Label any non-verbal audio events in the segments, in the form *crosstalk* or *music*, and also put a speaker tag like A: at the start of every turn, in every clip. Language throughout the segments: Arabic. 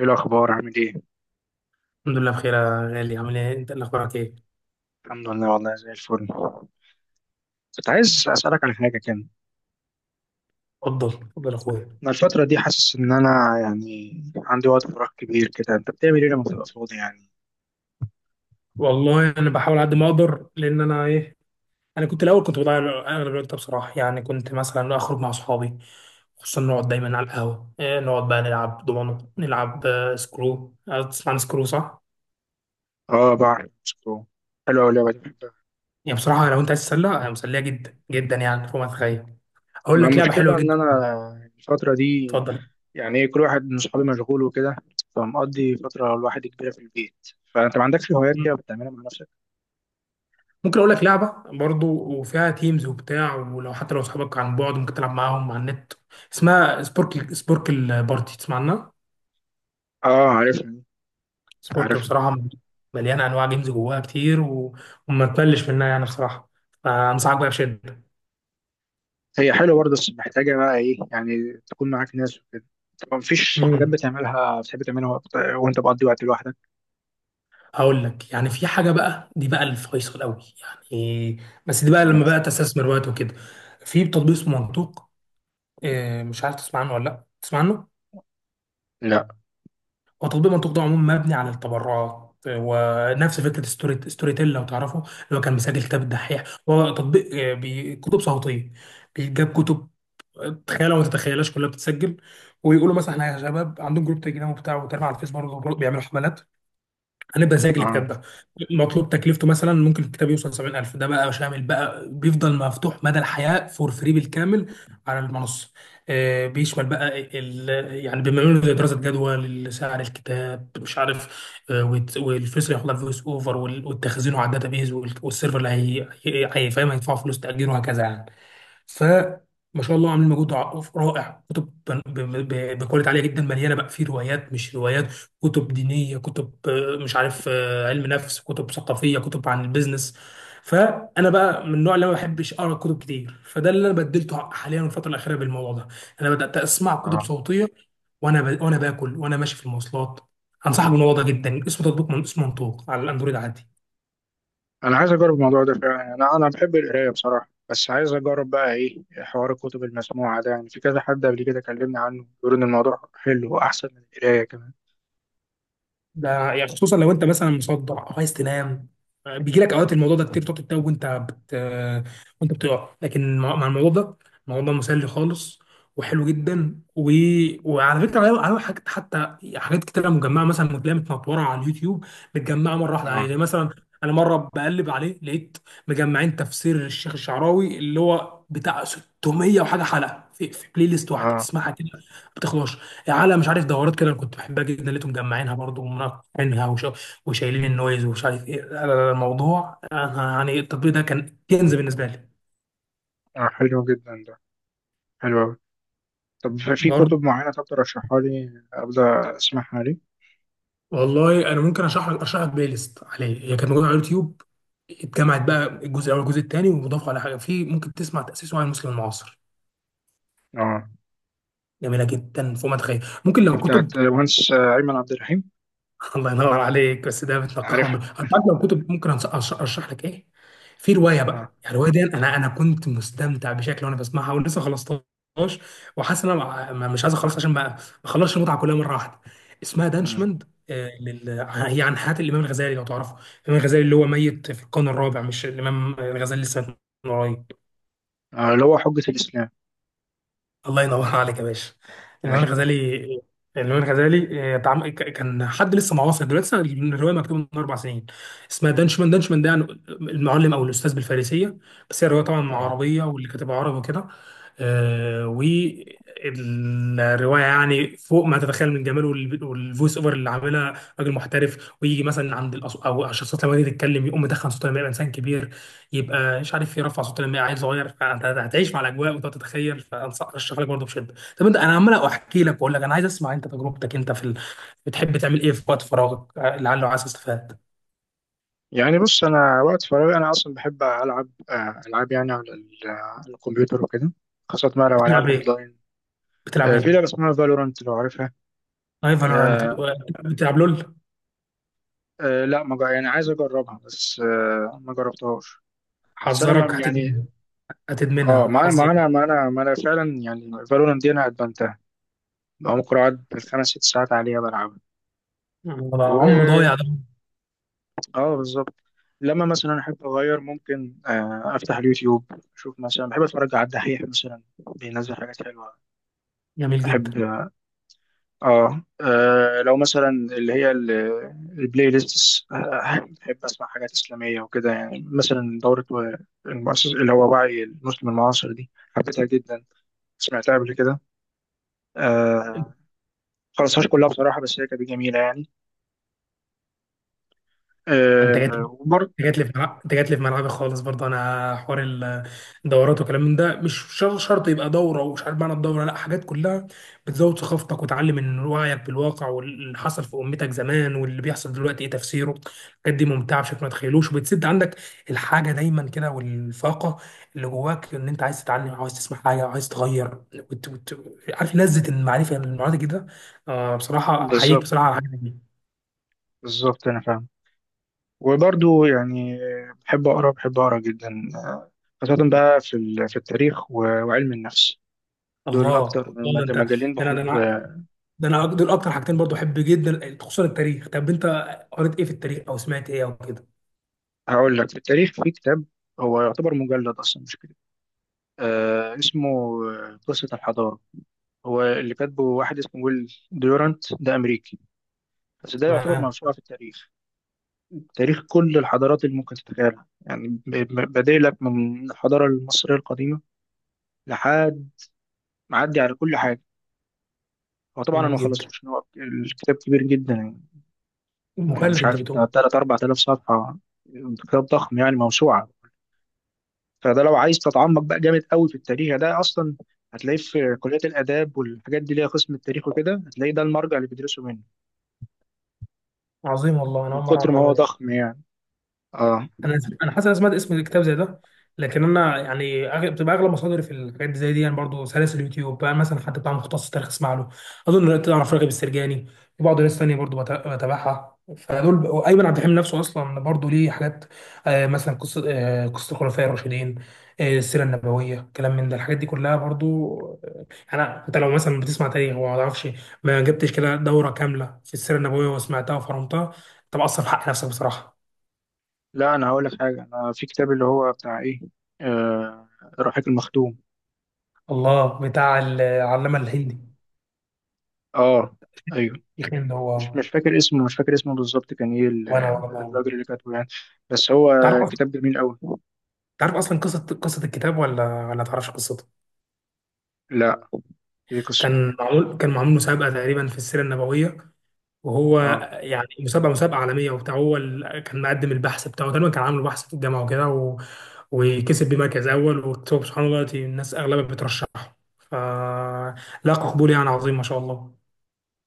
A: ايه الاخبار؟ عامل ايه؟
B: الحمد لله بخير يا غالي، عامل ايه انت؟ اللي اخبارك ايه؟
A: الحمد لله، والله زي الفل. كنت عايز اسالك على حاجه كده.
B: اتفضل اتفضل يا اخويا.
A: انا الفتره دي حاسس ان انا يعني عندي وقت فراغ كبير كده. انت بتعمل ايه لما بتبقى فاضي يعني؟
B: والله انا بحاول على قد ما اقدر لان انا ايه. انا كنت الاول كنت بضيع اغلب الوقت ده بصراحه، يعني كنت مثلا اخرج مع اصحابي، خصوصا نقعد دايما على القهوه. إيه، نقعد بقى نلعب دومينو، نلعب سكرو. تسمع عن سكرو صح؟
A: اه، بعرف، شكرا. حلوه أوي اللعبه دي، بحبها.
B: يعني بصراحه لو انت عايز تتسلى، هي مسليه جدا جدا، يعني فوق ما تتخيل. اقول
A: مع
B: لك لعبه
A: المشكله بقى
B: حلوه
A: ان
B: جدا.
A: انا الفتره دي.
B: اتفضل.
A: يعني إيه، كل واحد من صحابي مشغول وكده، فمقضي فتره لوحدي كبيره في البيت. فانت ما عندكش هوايات كده بتعملها مع نفسك؟
B: ممكن اقول لك لعبه برضو، وفيها تيمز وبتاع، ولو حتى اصحابك عن بعد ممكن تلعب معاهم على النت. اسمها سبورك، سبوركل بارتي. تسمع عنها؟
A: اه، عارفها.
B: سبوركل
A: عارفها.
B: بصراحه مليانه انواع جيمز جواها كتير وما تملش منها، يعني بصراحه، فانصحك بقى بشده.
A: هي حلوة برضه، بس محتاجة بقى إيه، يعني تكون معاك ناس وكده. طب مفيش حاجات
B: امم
A: بتعملها، بتحب تعملها وأنت بقضي وقت لوحدك؟
B: هقول لك، يعني في حاجه بقى، دي بقى الفيصل قوي، يعني، بس دي بقى
A: مم.
B: لما بقى تستثمر وقت وكده. في تطبيق اسمه منطوق، مش عارف تسمع عنه ولا لا تسمع عنه.
A: لا.
B: هو تطبيق منطوق ده عموما مبني على التبرعات، ونفس فكره ستوري ستوري تيل لو تعرفه، اللي هو كان مسجل كتاب الدحيح. هو تطبيق كتب صوتيه، بيجاب كتب تخيلها وما تتخيلهاش، كلها بتتسجل. ويقولوا مثلا احنا يا شباب عندهم جروب تليجرام وبتاع، وتابع على الفيس برضه. بيعملوا حملات هنبقى زيك الكتاب
A: اه.
B: ده مطلوب تكلفته، مثلا ممكن الكتاب يوصل 70000، ده بقى شامل بقى، بيفضل مفتوح مدى الحياة فور فري بالكامل على المنصة. بيشمل بقى يعني بيعملوا زي دراسة جدوى لسعر الكتاب، مش عارف، والفلوس اللي هياخدها فويس اوفر، والتخزين على الداتابيز، والسيرفر اللي هيفهم هيدفعوا فلوس تأجيره وهكذا يعني. فما شاء الله عاملين مجهود رائع، كتب بكواليتي عاليه جدا، مليانه بقى في روايات، مش روايات، كتب دينيه، كتب مش عارف، علم نفس، كتب ثقافيه، كتب عن البيزنس. فانا بقى من النوع اللي ما بحبش اقرا كتب كتير، فده اللي انا بدلته حاليا الفتره الاخيره بالموضوع ده. انا بدات اسمع
A: اه.
B: كتب صوتيه، وانا باكل وانا ماشي في المواصلات. انصحك بالموضوع ده جدا، اسمه تطبيق من اسمه منطوق، على الاندرويد عادي.
A: أنا عايز أجرب الموضوع ده فعلا، يعني أنا بحب القراية بصراحة، بس عايز أجرب بقى إيه حوار الكتب المسموعة ده، يعني في كذا حد قبل كده كلمني عنه بيقول إن الموضوع حلو وأحسن من القراية كمان.
B: ده يعني خصوصا لو انت مثلا مصدع او عايز تنام، بيجي لك اوقات الموضوع ده كتير، بتقعد تتوه وانت بتقع، لكن مع الموضوع ده، الموضوع ده مسلي خالص وحلو جدا وعلى فكره، عليه حاجات، حتى حاجات كتير مجمعه، مثلا بتلاقيها متنطوره على اليوتيوب، متجمعه مره واحده عليه،
A: اه،
B: زي مثلا، انا مره بقلب عليه لقيت مجمعين تفسير الشيخ الشعراوي اللي هو بتاع 600 وحاجه حلقه في بلاي ليست واحده
A: اه.
B: تسمعها كده، ما بتخلصش. على، مش عارف، دورات كده، انا كنت بحبها جدا، لقيتهم مجمعينها برضه ومنقعينها وشايلين النويز، ومش عارف ايه. لا لا لا، الموضوع، أنا يعني التطبيق ده كان كنز بالنسبه لي.
A: حلو جدا ده. حلو أوي. طب في
B: برضه
A: كتب معينة، طب ترشحها لي أبدأ أسمعها لي؟
B: والله انا ممكن اشرح لك بلاي ليست عليه، هي كانت موجوده على اليوتيوب، اتجمعت بقى الجزء الاول والجزء الثاني، ومضاف على حاجه فيه، ممكن تسمع تاسيسه عن المسلم المعاصر.
A: اه.
B: جميله جدا فوق ما تتخيل. ممكن
A: دي
B: لو
A: بتاعت
B: كتب.
A: مهندس أيمن عبد الرحيم.
B: *laughs* الله ينور عليك. بس ده
A: عارف.
B: بتنقحه انت عارف، لو كتب ممكن ارشح لك ايه. في روايه
A: اه.
B: بقى، يعني الروايه دي انا كنت مستمتع بشكل وانا بسمعها، ولسه خلصتهاش، وحاسس ان انا مش عايز اخلص عشان ما اخلصش المتعه كلها مره واحده. اسمها
A: امم
B: دانشمند، هي عن حياه الامام الغزالي لو تعرفه. الامام الغزالي اللي هو ميت في القرن الرابع، مش الامام الغزالي لسه من قريب.
A: آه، اللي هو حجة الإسلام.
B: الله ينور *laughs* عليك يا باشا. المهم
A: *laughs*
B: الغزالي المهم الغزالي كان حد لسه معاصر دلوقتي، لسه الروايه مكتوبه من اربع سنين. اسمها دانشمان، دانشمان ده يعني المعلم او الاستاذ بالفارسيه، بس هي الروايه طبعا مع
A: اه.
B: عربيه، واللي كاتبها عربي وكده. والروايه يعني فوق ما تتخيل من جماله والفويس اوفر اللي عاملها راجل محترف، ويجي مثلا عند او الشخصيات لما تيجي تتكلم، يقوم مدخن صوته لما يبقى انسان كبير، يبقى مش عارف ايه، رفع صوت لما عيل صغير، فانت هتعيش مع الاجواء وتقعد تتخيل. فانصح ارشح لك برضه بشده. طب انت، انا عمال احكي لك واقول لك، انا عايز اسمع انت تجربتك انت بتحب تعمل ايه في وقت فراغك، لعله عايز استفاد؟
A: يعني بص، أنا وقت فراغي أنا أصلا بحب ألعب ألعاب، يعني على الكمبيوتر وكده، خاصة ما لو ألعاب
B: بتلعب ايه
A: أونلاين.
B: بتلعب
A: في
B: ايه؟
A: لعبة اسمها فالورانت، لو عارفها.
B: اي فالورانت.
A: آه.
B: بتلعب لول؟
A: لا، ما جا- يعني عايز أجربها، بس ما جربتهاش. بس أنا
B: حذرك
A: ما يعني.
B: هتدمنها.
A: اه،
B: هتدمنها
A: ما أنا ما
B: حذرك.
A: أنا ما أنا ما أنا فعلا يعني فالورانت دي أنا أدمنتها. بقى ممكن أقعد بالخمس ست ساعات عليها،
B: ده عمره
A: بلعبها.
B: ضايع ده.
A: اه، بالظبط. لما مثلا احب اغير، ممكن افتح اليوتيوب، اشوف مثلا، بحب اتفرج على الدحيح مثلا، بينزل حاجات حلوه،
B: جميل جدا.
A: بحب. اه، لو مثلا اللي هي البلاي ليست، بحب اسمع حاجات اسلاميه وكده، يعني مثلا دوره المؤسس، اللي هو وعي المسلم المعاصر، دي حبيتها جدا، سمعتها قبل كده. آه. خلصهاش كلها بصراحه، بس هي كانت جميله يعني.
B: انت جاي،
A: وبرضه.
B: انت جات لي في ملعبي خالص. برضه انا حوار الدورات وكلام من ده، مش شر- شرط يبقى دوره، ومش عارف معنى الدوره، لا حاجات كلها بتزود ثقافتك وتعلم، من وعيك بالواقع واللي حصل في امتك زمان واللي بيحصل دلوقتي ايه تفسيره. الحاجات دي ممتعه بشكل ما تتخيلوش، وبتسد عندك الحاجه دايما كده، والفاقه اللي جواك ان انت عايز تتعلم، عاوز تسمع حاجه، عايز تغير عارف لذه المعرفه، المعرفه كده. آه بصراحه احييك
A: بالظبط،
B: بصراحه على الحاجه دي.
A: بالظبط انا فاهم، وبرضو يعني، بحب أقرأ، بحب أقرأ جدا. آه، خاصة بقى في في التاريخ وعلم النفس، دول
B: الله،
A: أكتر
B: الله،
A: مجالين
B: ده
A: بحب.
B: انا، ده انا، دول اكتر حاجتين برضو احب جدا خصوصا التاريخ. طب انت قريت ايه في التاريخ او سمعت ايه او كده؟
A: هقول لك، في التاريخ في كتاب هو يعتبر مجلد أصلا مش كتاب. اسمه قصة الحضارة. هو اللي كاتبه واحد اسمه ويل ديورانت، ده أمريكي، بس ده يعتبر
B: تمام.
A: موسوعة في التاريخ، تاريخ كل الحضارات اللي ممكن تتخيلها، يعني بادئ لك من الحضارة المصرية القديمة لحد، معدي على كل حاجة. هو طبعا انا ما
B: جميل جدا.
A: خلصتوش، إن هو الكتاب كبير جدا يعني، يعني
B: مجلد
A: مش
B: انت
A: عارف
B: بتقول؟
A: بتاع 3 4000 صفحه، كتاب ضخم، يعني موسوعه. فده لو عايز تتعمق بقى جامد قوي في التاريخ، ده اصلا هتلاقيه في كليه الاداب، والحاجات دي ليها قسم التاريخ وكده، هتلاقيه ده المرجع اللي بيدرسوا منه،
B: عظيم، والله انا
A: من
B: اول مره اعرف
A: كتر ما هو
B: المعلومه دي.
A: ضخم يعني. اه.
B: انا حاسس انا سمعت اسم الكتاب زي ده، لكن انا يعني أغلب بتبقى اغلب مصادري في الحاجات دي زي دي، يعني برضه سلاسل اليوتيوب بقى، مثلا حد بتاع مختص تاريخ اسمع له. اظن تعرف راغب السرجاني، وبعض ناس تانية برضه بتابعها. فدول وايمن عبد الحليم نفسه اصلا برضه ليه حاجات، مثلا قصه، قصه الخلفاء الراشدين، السيره النبويه، كلام من ده، الحاجات دي كلها برضه. آه، انا، انت لو مثلا بتسمع تاريخ وما تعرفش، ما جبتش كده دوره كامله في السيره النبويه وسمعتها وفرمتها، انت بقصر في حق نفسك بصراحه.
A: لا، انا هقول لك حاجه، انا في كتاب اللي هو بتاع ايه، آه الرحيق المختوم.
B: الله، بتاع العلامة الهندي.
A: اه. ايوه.
B: يا أخي اللي
A: مش
B: هو
A: مش فاكر اسمه، مش فاكر اسمه بالظبط كان ايه
B: وأنا.
A: الراجل اللي كاتبه يعني، بس هو
B: تعرف أصلا
A: كتاب جميل قوي.
B: تعرف أصلا قصة الكتاب ولا تعرفش قصته؟
A: لا. يكسر.
B: كان معمول مسابقة تقريبا في السيرة النبوية، وهو،
A: اه.
B: يعني مسابقة عالمية وبتاع. هو كان مقدم البحث بتاعه تقريبا، كان عامل بحث في الجامعة وكده وكسب بمركز أول، وكتب. سبحان الله، دلوقتي الناس أغلبها بترشحه فلاقى قبول يعني عظيم ما شاء الله.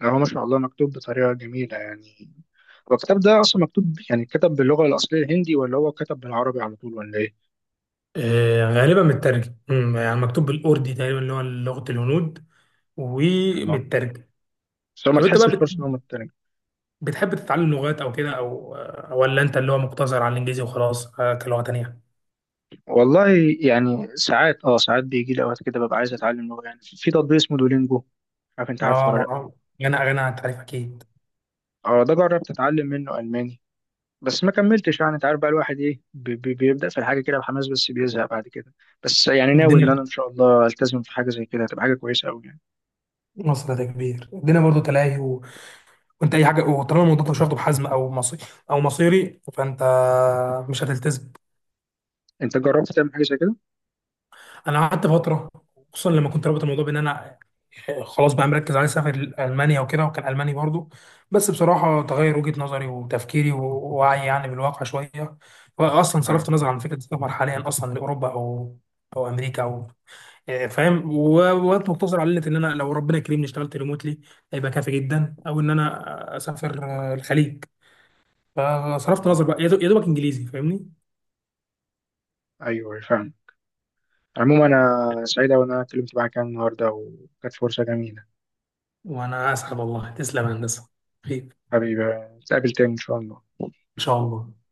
A: يعني هو ما شاء الله مكتوب بطريقة جميلة يعني. هو الكتاب ده أصلا مكتوب، يعني كتب باللغة الأصلية الهندي، ولا هو كتب بالعربي على طول ولا إيه؟
B: غالبا مترجم، يعني مكتوب بالأردي تقريبا اللي هو لغة الهنود، ومن
A: يعني
B: الترجمه.
A: بس هو ما
B: طب انت بقى
A: تحسش خالص إن هو مترجم.
B: بتحب تتعلم لغات او كده أو ولا انت اللي هو مقتصر على الانجليزي وخلاص، كلغه تانيه؟
A: والله، يعني ساعات بيجي لي أوقات كده ببقى عايز أتعلم لغة. يعني في تطبيق اسمه دولينجو، عارف، أنت عارفه
B: اه
A: ولا لأ؟
B: ما غنى عن التعريف اكيد.
A: اه، ده جربت أتعلم منه ألماني، بس ما كملتش. يعني أنت عارف بقى الواحد إيه، بيبدأ في الحاجة كده بحماس بس بيزهق بعد كده. بس يعني ناوي إن أنا
B: الدنيا
A: إن شاء الله ألتزم في حاجة زي كده، هتبقى حاجة كويسة أوي يعني.
B: في مصر ده كبير، الدنيا برضو تلاهي وانت اي حاجه، وطالما الموضوع مش واخده بحزم، او مصيري، فانت مش هتلتزم.
A: أنت جربت تعمل حاجة زي كده؟
B: انا قعدت فتره، خصوصا لما كنت رابط الموضوع بان انا خلاص بقى مركز على سافر المانيا وكده، وكان الماني برضو. بس بصراحه تغير وجهه نظري وتفكيري ووعي يعني بالواقع شويه، واصلا
A: آه.
B: صرفت نظر عن فكره السفر حاليا اصلا لاوروبا او امريكا، او فاهم وقت مقتصر على ان انا لو ربنا كريمني اشتغلت ريموتلي هيبقى كافي جدا، او ان انا اسافر الخليج. فصرفت
A: آه،
B: نظر بقى يا دوبك انجليزي فاهمني.
A: ايوه، أيوه، فاهم. عموما انا سعيد أوي ان انا اتكلمت معاك يعني النهارده، وكانت فرصه جميله.
B: وانا اسعد، والله تسلم يا هندسه. خير.
A: حبيبي، نتقابل تاني ان شاء الله.
B: ان شاء الله.